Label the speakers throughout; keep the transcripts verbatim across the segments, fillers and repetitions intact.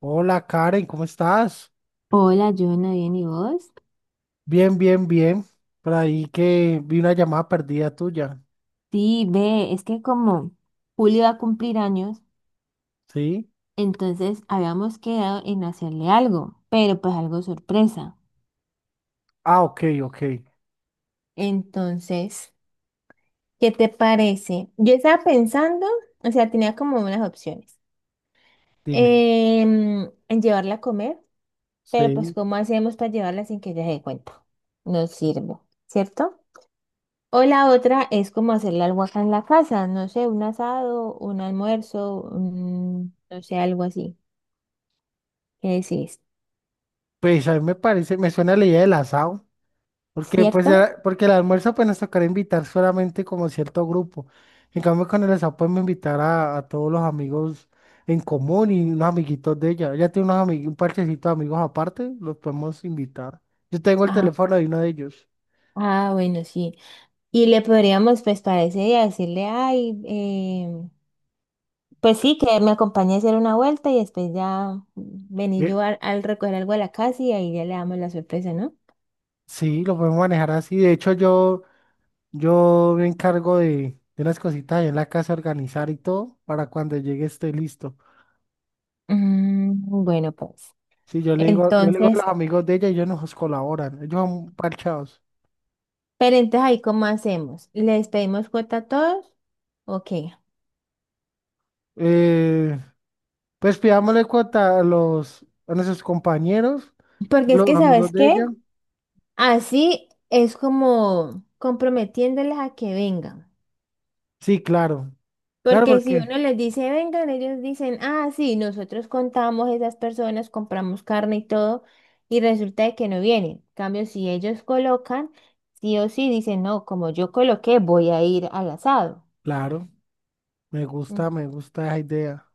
Speaker 1: Hola Karen, ¿cómo estás?
Speaker 2: Hola, Joana, ¿bien y vos?
Speaker 1: Bien, bien, bien. Por ahí que vi una llamada perdida tuya.
Speaker 2: Sí, ve, es que como Julio va a cumplir años,
Speaker 1: ¿Sí?
Speaker 2: entonces habíamos quedado en hacerle algo, pero pues algo sorpresa.
Speaker 1: Ah, ok, ok.
Speaker 2: Entonces, ¿qué te parece? Yo estaba pensando, o sea, tenía como unas opciones.
Speaker 1: Dime.
Speaker 2: Em, en llevarla a comer, pero pues
Speaker 1: Sí.
Speaker 2: ¿cómo hacemos para llevarla sin que ella se dé cuenta? No sirve, ¿cierto? O la otra es como hacerle algo acá en la casa, no sé, un asado, un almuerzo, un- no sé, algo así. ¿Qué decís?
Speaker 1: Pues a mí me parece, me suena la idea del asado. Porque pues
Speaker 2: ¿Cierto?
Speaker 1: era- porque el almuerzo pues nos tocará invitar solamente como cierto grupo. En cambio con el asado podemos invitar a, a todos los amigos en común y unos amiguitos de ella. Ella tiene unos amigos, un parchecito de amigos aparte, los podemos invitar. Yo tengo el
Speaker 2: Ah,
Speaker 1: teléfono de uno de ellos.
Speaker 2: ah, bueno, sí. Y le podríamos, pues, para ese día decirle, ay, eh, pues sí, que me acompañe a hacer una vuelta y después ya vení yo al, al recoger algo a la casa y ahí ya le damos la sorpresa, ¿no?
Speaker 1: Sí, lo podemos manejar así. De hecho, yo, yo me encargo de, de unas cositas ahí en la casa, organizar y todo, para cuando llegue esté listo.
Speaker 2: Mm, bueno, pues.
Speaker 1: Sí, yo le digo, yo le digo a
Speaker 2: Entonces,
Speaker 1: los amigos de ella y ellos nos colaboran. Ellos son parchados.
Speaker 2: pero entonces ahí, ¿cómo hacemos? ¿Les pedimos cuota a todos? Ok.
Speaker 1: Eh, pues pidámosle cuota a los, a nuestros compañeros,
Speaker 2: Porque es
Speaker 1: los
Speaker 2: que,
Speaker 1: amigos
Speaker 2: ¿sabes
Speaker 1: de
Speaker 2: qué?
Speaker 1: ella.
Speaker 2: Así es como comprometiéndoles a que vengan.
Speaker 1: Sí, claro. Claro,
Speaker 2: Porque si
Speaker 1: porque,
Speaker 2: uno les dice vengan, ellos dicen, ah, sí, nosotros contamos esas personas, compramos carne y todo, y resulta de que no vienen. En cambio, si ellos colocan, sí o sí dicen, no, como yo coloqué, voy a ir al asado.
Speaker 1: claro, me
Speaker 2: Mm.
Speaker 1: gusta, me gusta esa idea.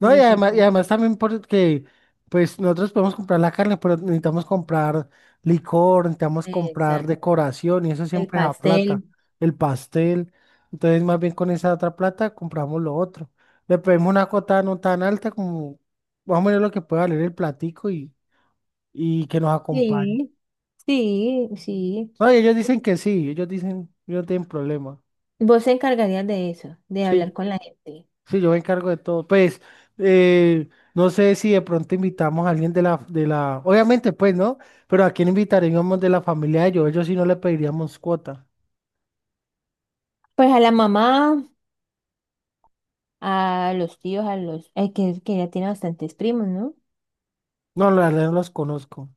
Speaker 1: No, y
Speaker 2: Listo.
Speaker 1: además, y
Speaker 2: entonces,
Speaker 1: además también porque, pues nosotros podemos comprar la carne, pero necesitamos comprar licor, necesitamos comprar
Speaker 2: Exacto.
Speaker 1: decoración y eso
Speaker 2: El
Speaker 1: siempre es a
Speaker 2: pastel.
Speaker 1: plata, el pastel. Entonces, más bien con esa otra plata compramos lo otro. Le pedimos una cuota no tan alta como más o menos lo que pueda valer el platico y, y que nos acompañe.
Speaker 2: Sí, sí, sí.
Speaker 1: No, y ellos dicen que sí, ellos dicen, yo no tienen problema.
Speaker 2: Vos se encargarías de eso, de hablar
Speaker 1: Sí,
Speaker 2: con la gente.
Speaker 1: sí, yo me encargo de todo. Pues, eh, no sé si de pronto invitamos a alguien de la, de la, obviamente, pues, ¿no? Pero a quién invitaríamos de la familia de ellos. Ellos sí no le pediríamos cuota.
Speaker 2: Pues a la mamá, a los tíos, a los... eh, que, que ya tiene bastantes primos, ¿no?
Speaker 1: No, la verdad no los conozco.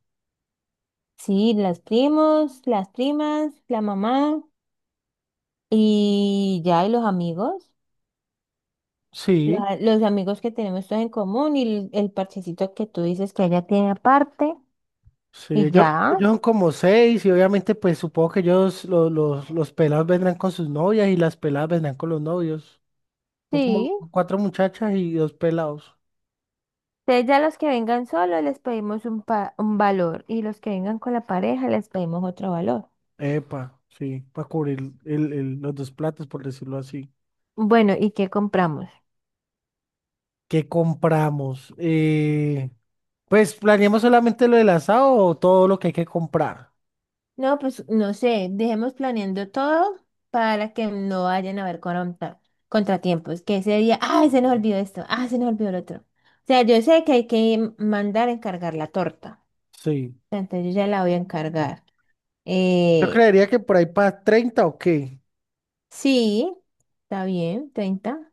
Speaker 2: Sí, las primos, las primas, la mamá y ya, y los amigos. Los,
Speaker 1: Sí,
Speaker 2: a- los amigos que tenemos todos en común y el, el parchecito que tú dices que ella tiene aparte.
Speaker 1: sí,
Speaker 2: Y
Speaker 1: ellos,
Speaker 2: ya,
Speaker 1: ellos son como seis y obviamente, pues, supongo que ellos, los, los, los pelados vendrán con sus novias y las peladas vendrán con los novios. Son como
Speaker 2: sí.
Speaker 1: cuatro muchachas y dos pelados.
Speaker 2: Entonces ya los que vengan solos les pedimos un, pa- un valor y los que vengan con la pareja les pedimos otro valor.
Speaker 1: Epa, sí, para cubrir el, el- los dos platos, por decirlo así.
Speaker 2: Bueno, ¿y qué compramos?
Speaker 1: ¿Qué compramos? Eh, Pues planeamos solamente lo del asado o todo lo que hay que comprar.
Speaker 2: No, pues no sé, dejemos planeando todo para que no vayan a haber contra- contratiempos. Que ese día, ay, se nos olvidó esto, ah, se nos olvidó el otro. O sea, yo sé que hay que mandar a encargar la torta.
Speaker 1: Sí.
Speaker 2: Entonces yo ya la voy a encargar.
Speaker 1: Yo
Speaker 2: Eh,
Speaker 1: creería que por ahí para treinta o qué.
Speaker 2: sí, está bien, treinta.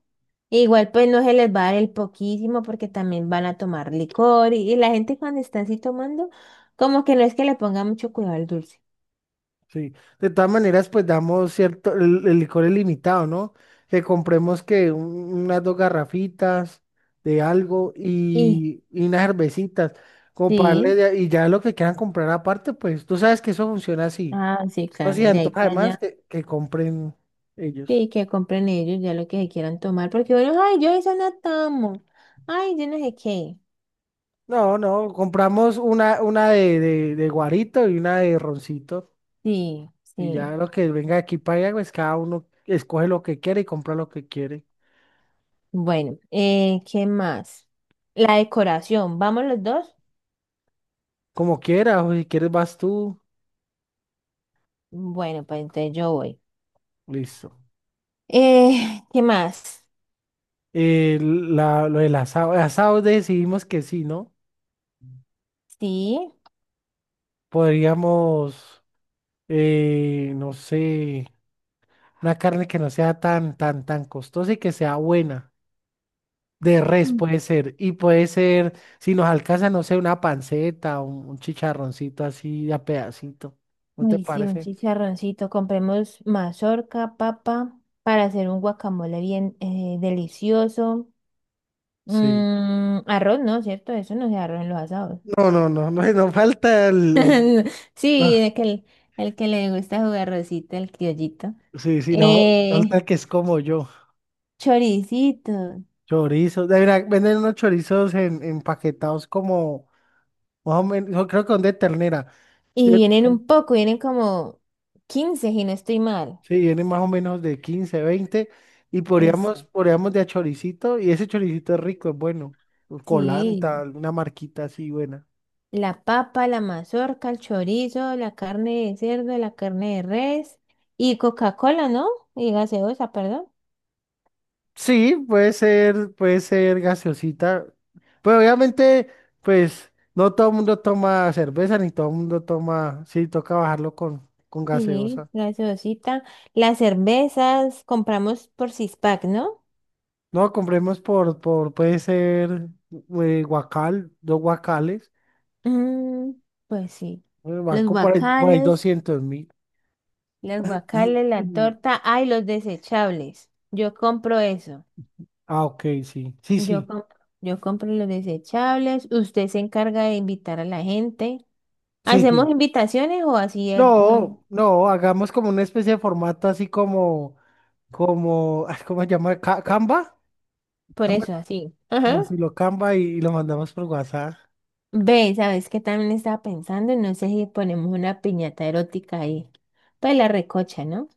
Speaker 2: E igual pues no se les va a dar el poquísimo porque también van a tomar licor y, y la gente cuando está así tomando, como que no es que le ponga mucho cuidado al dulce.
Speaker 1: Sí. De todas maneras, pues damos cierto, el, el licor es limitado, ¿no? Que compremos que un- unas dos garrafitas de algo
Speaker 2: Y
Speaker 1: y, y unas cervecitas. Comprarle
Speaker 2: sí,
Speaker 1: de- y ya lo que quieran comprar aparte, pues tú sabes que eso funciona así.
Speaker 2: ah, sí,
Speaker 1: No se
Speaker 2: claro, de ahí
Speaker 1: antoja
Speaker 2: para
Speaker 1: además
Speaker 2: allá.
Speaker 1: que, que compren ellos.
Speaker 2: Sí, que compren ellos ya lo que se quieran tomar, porque bueno, ay, yo eso no tomo, ay, yo no sé qué.
Speaker 1: No, no, compramos una, una de, de de guarito y una de roncito.
Speaker 2: Sí,
Speaker 1: Y
Speaker 2: sí.
Speaker 1: ya lo que venga de aquí para allá, pues cada uno escoge lo que quiere y compra lo que quiere.
Speaker 2: Bueno, eh, ¿qué más? La decoración, ¿vamos los dos?
Speaker 1: Como quiera, o si quieres vas tú,
Speaker 2: Bueno, pues entonces yo voy.
Speaker 1: listo.
Speaker 2: Eh, ¿qué más?
Speaker 1: Eh, la, lo del asado, el asado decidimos que sí, ¿no?
Speaker 2: Sí.
Speaker 1: Podríamos, eh, no sé, una carne que no sea tan, tan, tan costosa y que sea buena. De res
Speaker 2: Mm.
Speaker 1: puede ser. Y puede ser, si nos alcanza, no sé, una panceta, un, un chicharroncito así a pedacito. ¿No te
Speaker 2: Ay, sí, un
Speaker 1: parece?
Speaker 2: chicharroncito. Compremos mazorca, papa, para hacer un guacamole bien eh, delicioso.
Speaker 1: Sí.
Speaker 2: Mm, arroz, ¿no? ¿Cierto? Eso no se arroz en los asados.
Speaker 1: No, no, no, no, no falta el, el.
Speaker 2: Sí,
Speaker 1: Ah,
Speaker 2: de que el, el que le gusta jugar rosita, el criollito.
Speaker 1: sí, sí, no, falta
Speaker 2: Eh,
Speaker 1: que es como yo,
Speaker 2: Choricito.
Speaker 1: chorizos, de verdad, venden unos chorizos en, empaquetados como, más o menos, yo creo que son de ternera, sí,
Speaker 2: Y vienen
Speaker 1: son-
Speaker 2: un poco, vienen como quince y no estoy mal.
Speaker 1: sí, vienen más o menos de quince, veinte y podríamos,
Speaker 2: Eso,
Speaker 1: podríamos de a choricito, y ese choricito es rico, es bueno, colanta,
Speaker 2: sí.
Speaker 1: alguna marquita así buena.
Speaker 2: La papa, la mazorca, el chorizo, la carne de cerdo, la carne de res y Coca-Cola, ¿no? Y gaseosa, perdón.
Speaker 1: Sí, puede ser, puede ser gaseosita, pero obviamente, pues, no todo el mundo toma cerveza, ni todo el mundo toma, sí, toca bajarlo con, con
Speaker 2: Sí,
Speaker 1: gaseosa.
Speaker 2: gaseosita. Las cervezas compramos por six pack, ¿no?
Speaker 1: No, compremos por, por puede ser eh, guacal, dos guacales.
Speaker 2: Mm, pues sí.
Speaker 1: eh,
Speaker 2: Los
Speaker 1: Banco por ahí, por ahí
Speaker 2: guacales.
Speaker 1: doscientos mil.
Speaker 2: Las guacales, la torta, ay, los desechables. Yo compro eso.
Speaker 1: Ah, ok, sí, sí,
Speaker 2: Yo
Speaker 1: sí,
Speaker 2: compro, yo compro los desechables. Usted se encarga de invitar a la gente.
Speaker 1: sí,
Speaker 2: ¿Hacemos
Speaker 1: sí.
Speaker 2: invitaciones o así? eh, No,
Speaker 1: No, no, hagamos como una especie de formato así como, como, ay, ¿cómo se llama? Ca- ¿Canva?
Speaker 2: por
Speaker 1: Canva,
Speaker 2: eso, así. Ajá.
Speaker 1: como si lo Canva y, y lo mandamos por WhatsApp.
Speaker 2: Ve, ¿sabes qué también estaba pensando? No sé si ponemos una piñata erótica ahí. Pues la recocha, ¿no?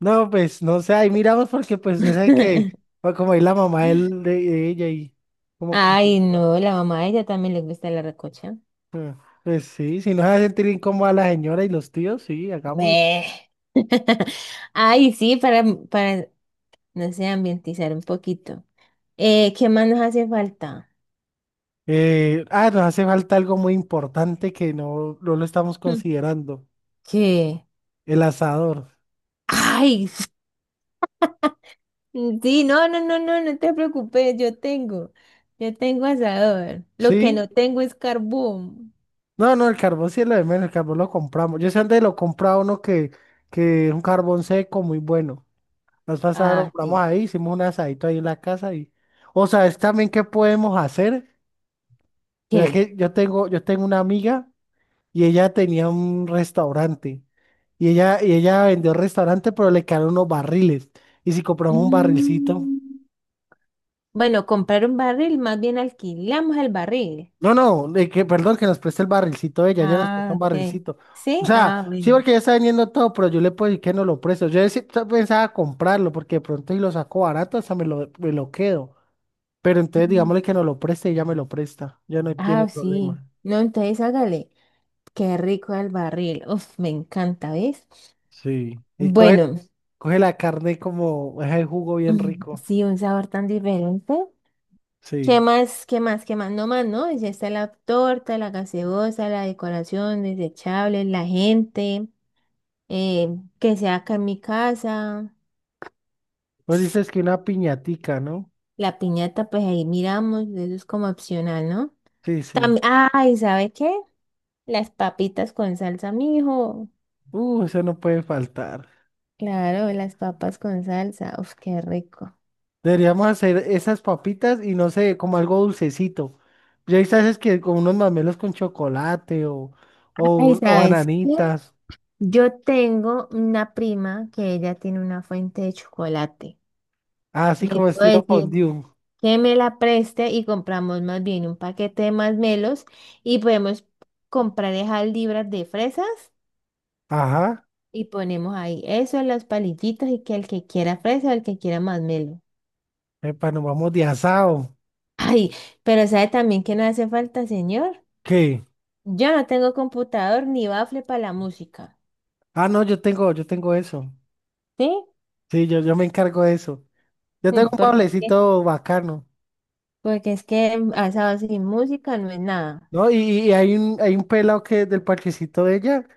Speaker 1: No, pues, no sé, ahí miramos porque pues, usted que, pues, como ahí la mamá de, él- de de ella y como
Speaker 2: Ay,
Speaker 1: complicado.
Speaker 2: no, la mamá a ella también le gusta la recocha.
Speaker 1: Eh, Pues sí, si nos hace sentir incómoda a la señora y los tíos, sí, hagámoslo.
Speaker 2: Ve. Ay, sí, para, para no sé, ambientizar un poquito. Eh, ¿qué más nos hace falta?
Speaker 1: Eh, ah, nos hace falta algo muy importante que no, no lo estamos
Speaker 2: Hmm.
Speaker 1: considerando,
Speaker 2: ¿Qué?
Speaker 1: el asador,
Speaker 2: ¡Ay! Sí, no, no, no, no, no te preocupes, yo tengo, yo tengo asador. Lo que no
Speaker 1: ¿sí?
Speaker 2: tengo es carbón.
Speaker 1: No, no, el carbón sí es lo de menos, el carbón lo compramos. Yo sé dónde lo compraba uno que, que es un carbón seco muy bueno. Nos pasaron,
Speaker 2: Ah,
Speaker 1: compramos
Speaker 2: sí.
Speaker 1: ahí, hicimos un asadito ahí en la casa y... O sea, es también qué podemos hacer. Mira
Speaker 2: ¿Qué?
Speaker 1: que yo tengo, yo tengo una amiga, y ella tenía un restaurante. Y ella, y ella vendió el restaurante, pero le quedaron unos barriles. Y si compramos un barrilcito.
Speaker 2: Mm, bueno, comprar un barril, más bien alquilamos el barril.
Speaker 1: No, no, de que, perdón, que nos preste el barrilcito ella, ella nos presta
Speaker 2: Ah,
Speaker 1: un
Speaker 2: ok.
Speaker 1: barrilcito. O
Speaker 2: Sí, ah,
Speaker 1: sea, sí,
Speaker 2: bueno.
Speaker 1: porque ella está vendiendo todo, pero yo le puedo decir que no lo presto. Yo sí pensaba comprarlo, porque de pronto si lo saco barato, hasta me lo, me lo quedo. Pero entonces
Speaker 2: Mm.
Speaker 1: digámosle que no lo preste y ella me lo presta. Ya no tiene
Speaker 2: Ah, sí.
Speaker 1: problema.
Speaker 2: No, entonces hágale. Qué rico el barril. Uf, me encanta, ¿ves?
Speaker 1: Sí. Y coge,
Speaker 2: Bueno.
Speaker 1: coge la carne como es el jugo bien
Speaker 2: Mm,
Speaker 1: rico.
Speaker 2: sí, un sabor tan diferente. ¿Qué
Speaker 1: Sí.
Speaker 2: más? ¿Qué más? ¿Qué más? No más, ¿no? Ya está la torta, la gaseosa, la decoración, desechables, la gente, eh, que sea acá en mi casa,
Speaker 1: Vos dices que una piñatica, ¿no?
Speaker 2: la piñata, pues ahí miramos, eso es como opcional, ¿no?
Speaker 1: Sí, sí.
Speaker 2: También, ay, ¿sabe qué? Las papitas con salsa, mijo.
Speaker 1: Uh, eso no puede faltar.
Speaker 2: Claro, las papas con salsa, uf, qué rico.
Speaker 1: Deberíamos hacer esas papitas y no sé, como algo dulcecito. Ya sabes que con unos mamelos con chocolate o, o,
Speaker 2: Ay,
Speaker 1: un- o
Speaker 2: ¿sabes qué?
Speaker 1: bananitas.
Speaker 2: Yo tengo una prima que ella tiene una fuente de chocolate.
Speaker 1: Así
Speaker 2: Le
Speaker 1: como
Speaker 2: puedo
Speaker 1: estilo
Speaker 2: decir
Speaker 1: fondue.
Speaker 2: que me la preste y compramos más bien un paquete de masmelos y podemos comprar esas libras de fresas
Speaker 1: Ajá.
Speaker 2: y ponemos ahí eso, las palillitas y que el que quiera fresa o el que quiera masmelo.
Speaker 1: Epa, nos vamos de asado.
Speaker 2: Ay, pero ¿sabe también que no hace falta, señor?
Speaker 1: ¿Qué?
Speaker 2: Yo no tengo computador ni bafle para la música,
Speaker 1: Ah, no, yo tengo, yo tengo eso.
Speaker 2: ¿sí?
Speaker 1: Sí, yo, yo me encargo de eso. Yo tengo
Speaker 2: Mm,
Speaker 1: un
Speaker 2: porque, es que-
Speaker 1: pablecito bacano.
Speaker 2: porque es que mm, a esa sin música no es nada.
Speaker 1: ¿No? Y, y hay un, hay un pelado que del parchecito de ella,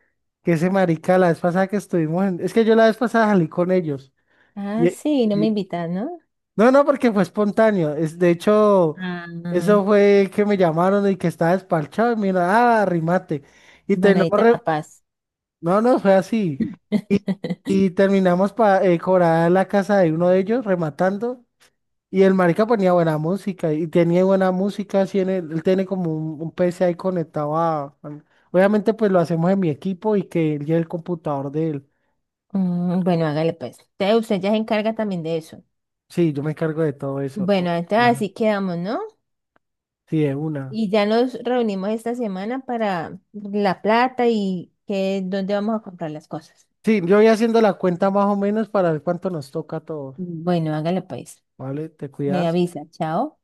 Speaker 1: que ese marica, la vez pasada que estuvimos en... Es que yo la vez pasada salí con ellos.
Speaker 2: Ah,
Speaker 1: Y,
Speaker 2: sí, no me
Speaker 1: y-
Speaker 2: invitas, ¿no?
Speaker 1: No, no, porque fue espontáneo. Es, de hecho,
Speaker 2: Ah,
Speaker 1: eso fue que me llamaron y que estaba despachado y mira, ah, arrimate. Y
Speaker 2: bueno, ahí
Speaker 1: terminamos...
Speaker 2: te la
Speaker 1: re-
Speaker 2: paz.
Speaker 1: No, no, fue así. Y, y terminamos para cobrar la casa de uno de ellos, rematando. Y el marica ponía buena música y tenía buena música, así en el- él tiene como un, un P C ahí conectado a... al-. Obviamente pues lo hacemos en mi equipo y que él lleve el computador de él.
Speaker 2: Mm, bueno, hágale pues. Entonces usted ya se encarga también de eso.
Speaker 1: Sí, yo me encargo de todo eso. ¿No?
Speaker 2: Bueno, entonces
Speaker 1: Ajá.
Speaker 2: así quedamos, ¿no?
Speaker 1: Sí, de una.
Speaker 2: Y ya nos reunimos esta semana para la plata y que dónde vamos a comprar las cosas.
Speaker 1: Sí, yo voy haciendo la cuenta más o menos para ver cuánto nos toca a todos.
Speaker 2: Bueno, hágale pues.
Speaker 1: ¿Vale? ¿Te
Speaker 2: Me
Speaker 1: cuidas?
Speaker 2: avisa, chao.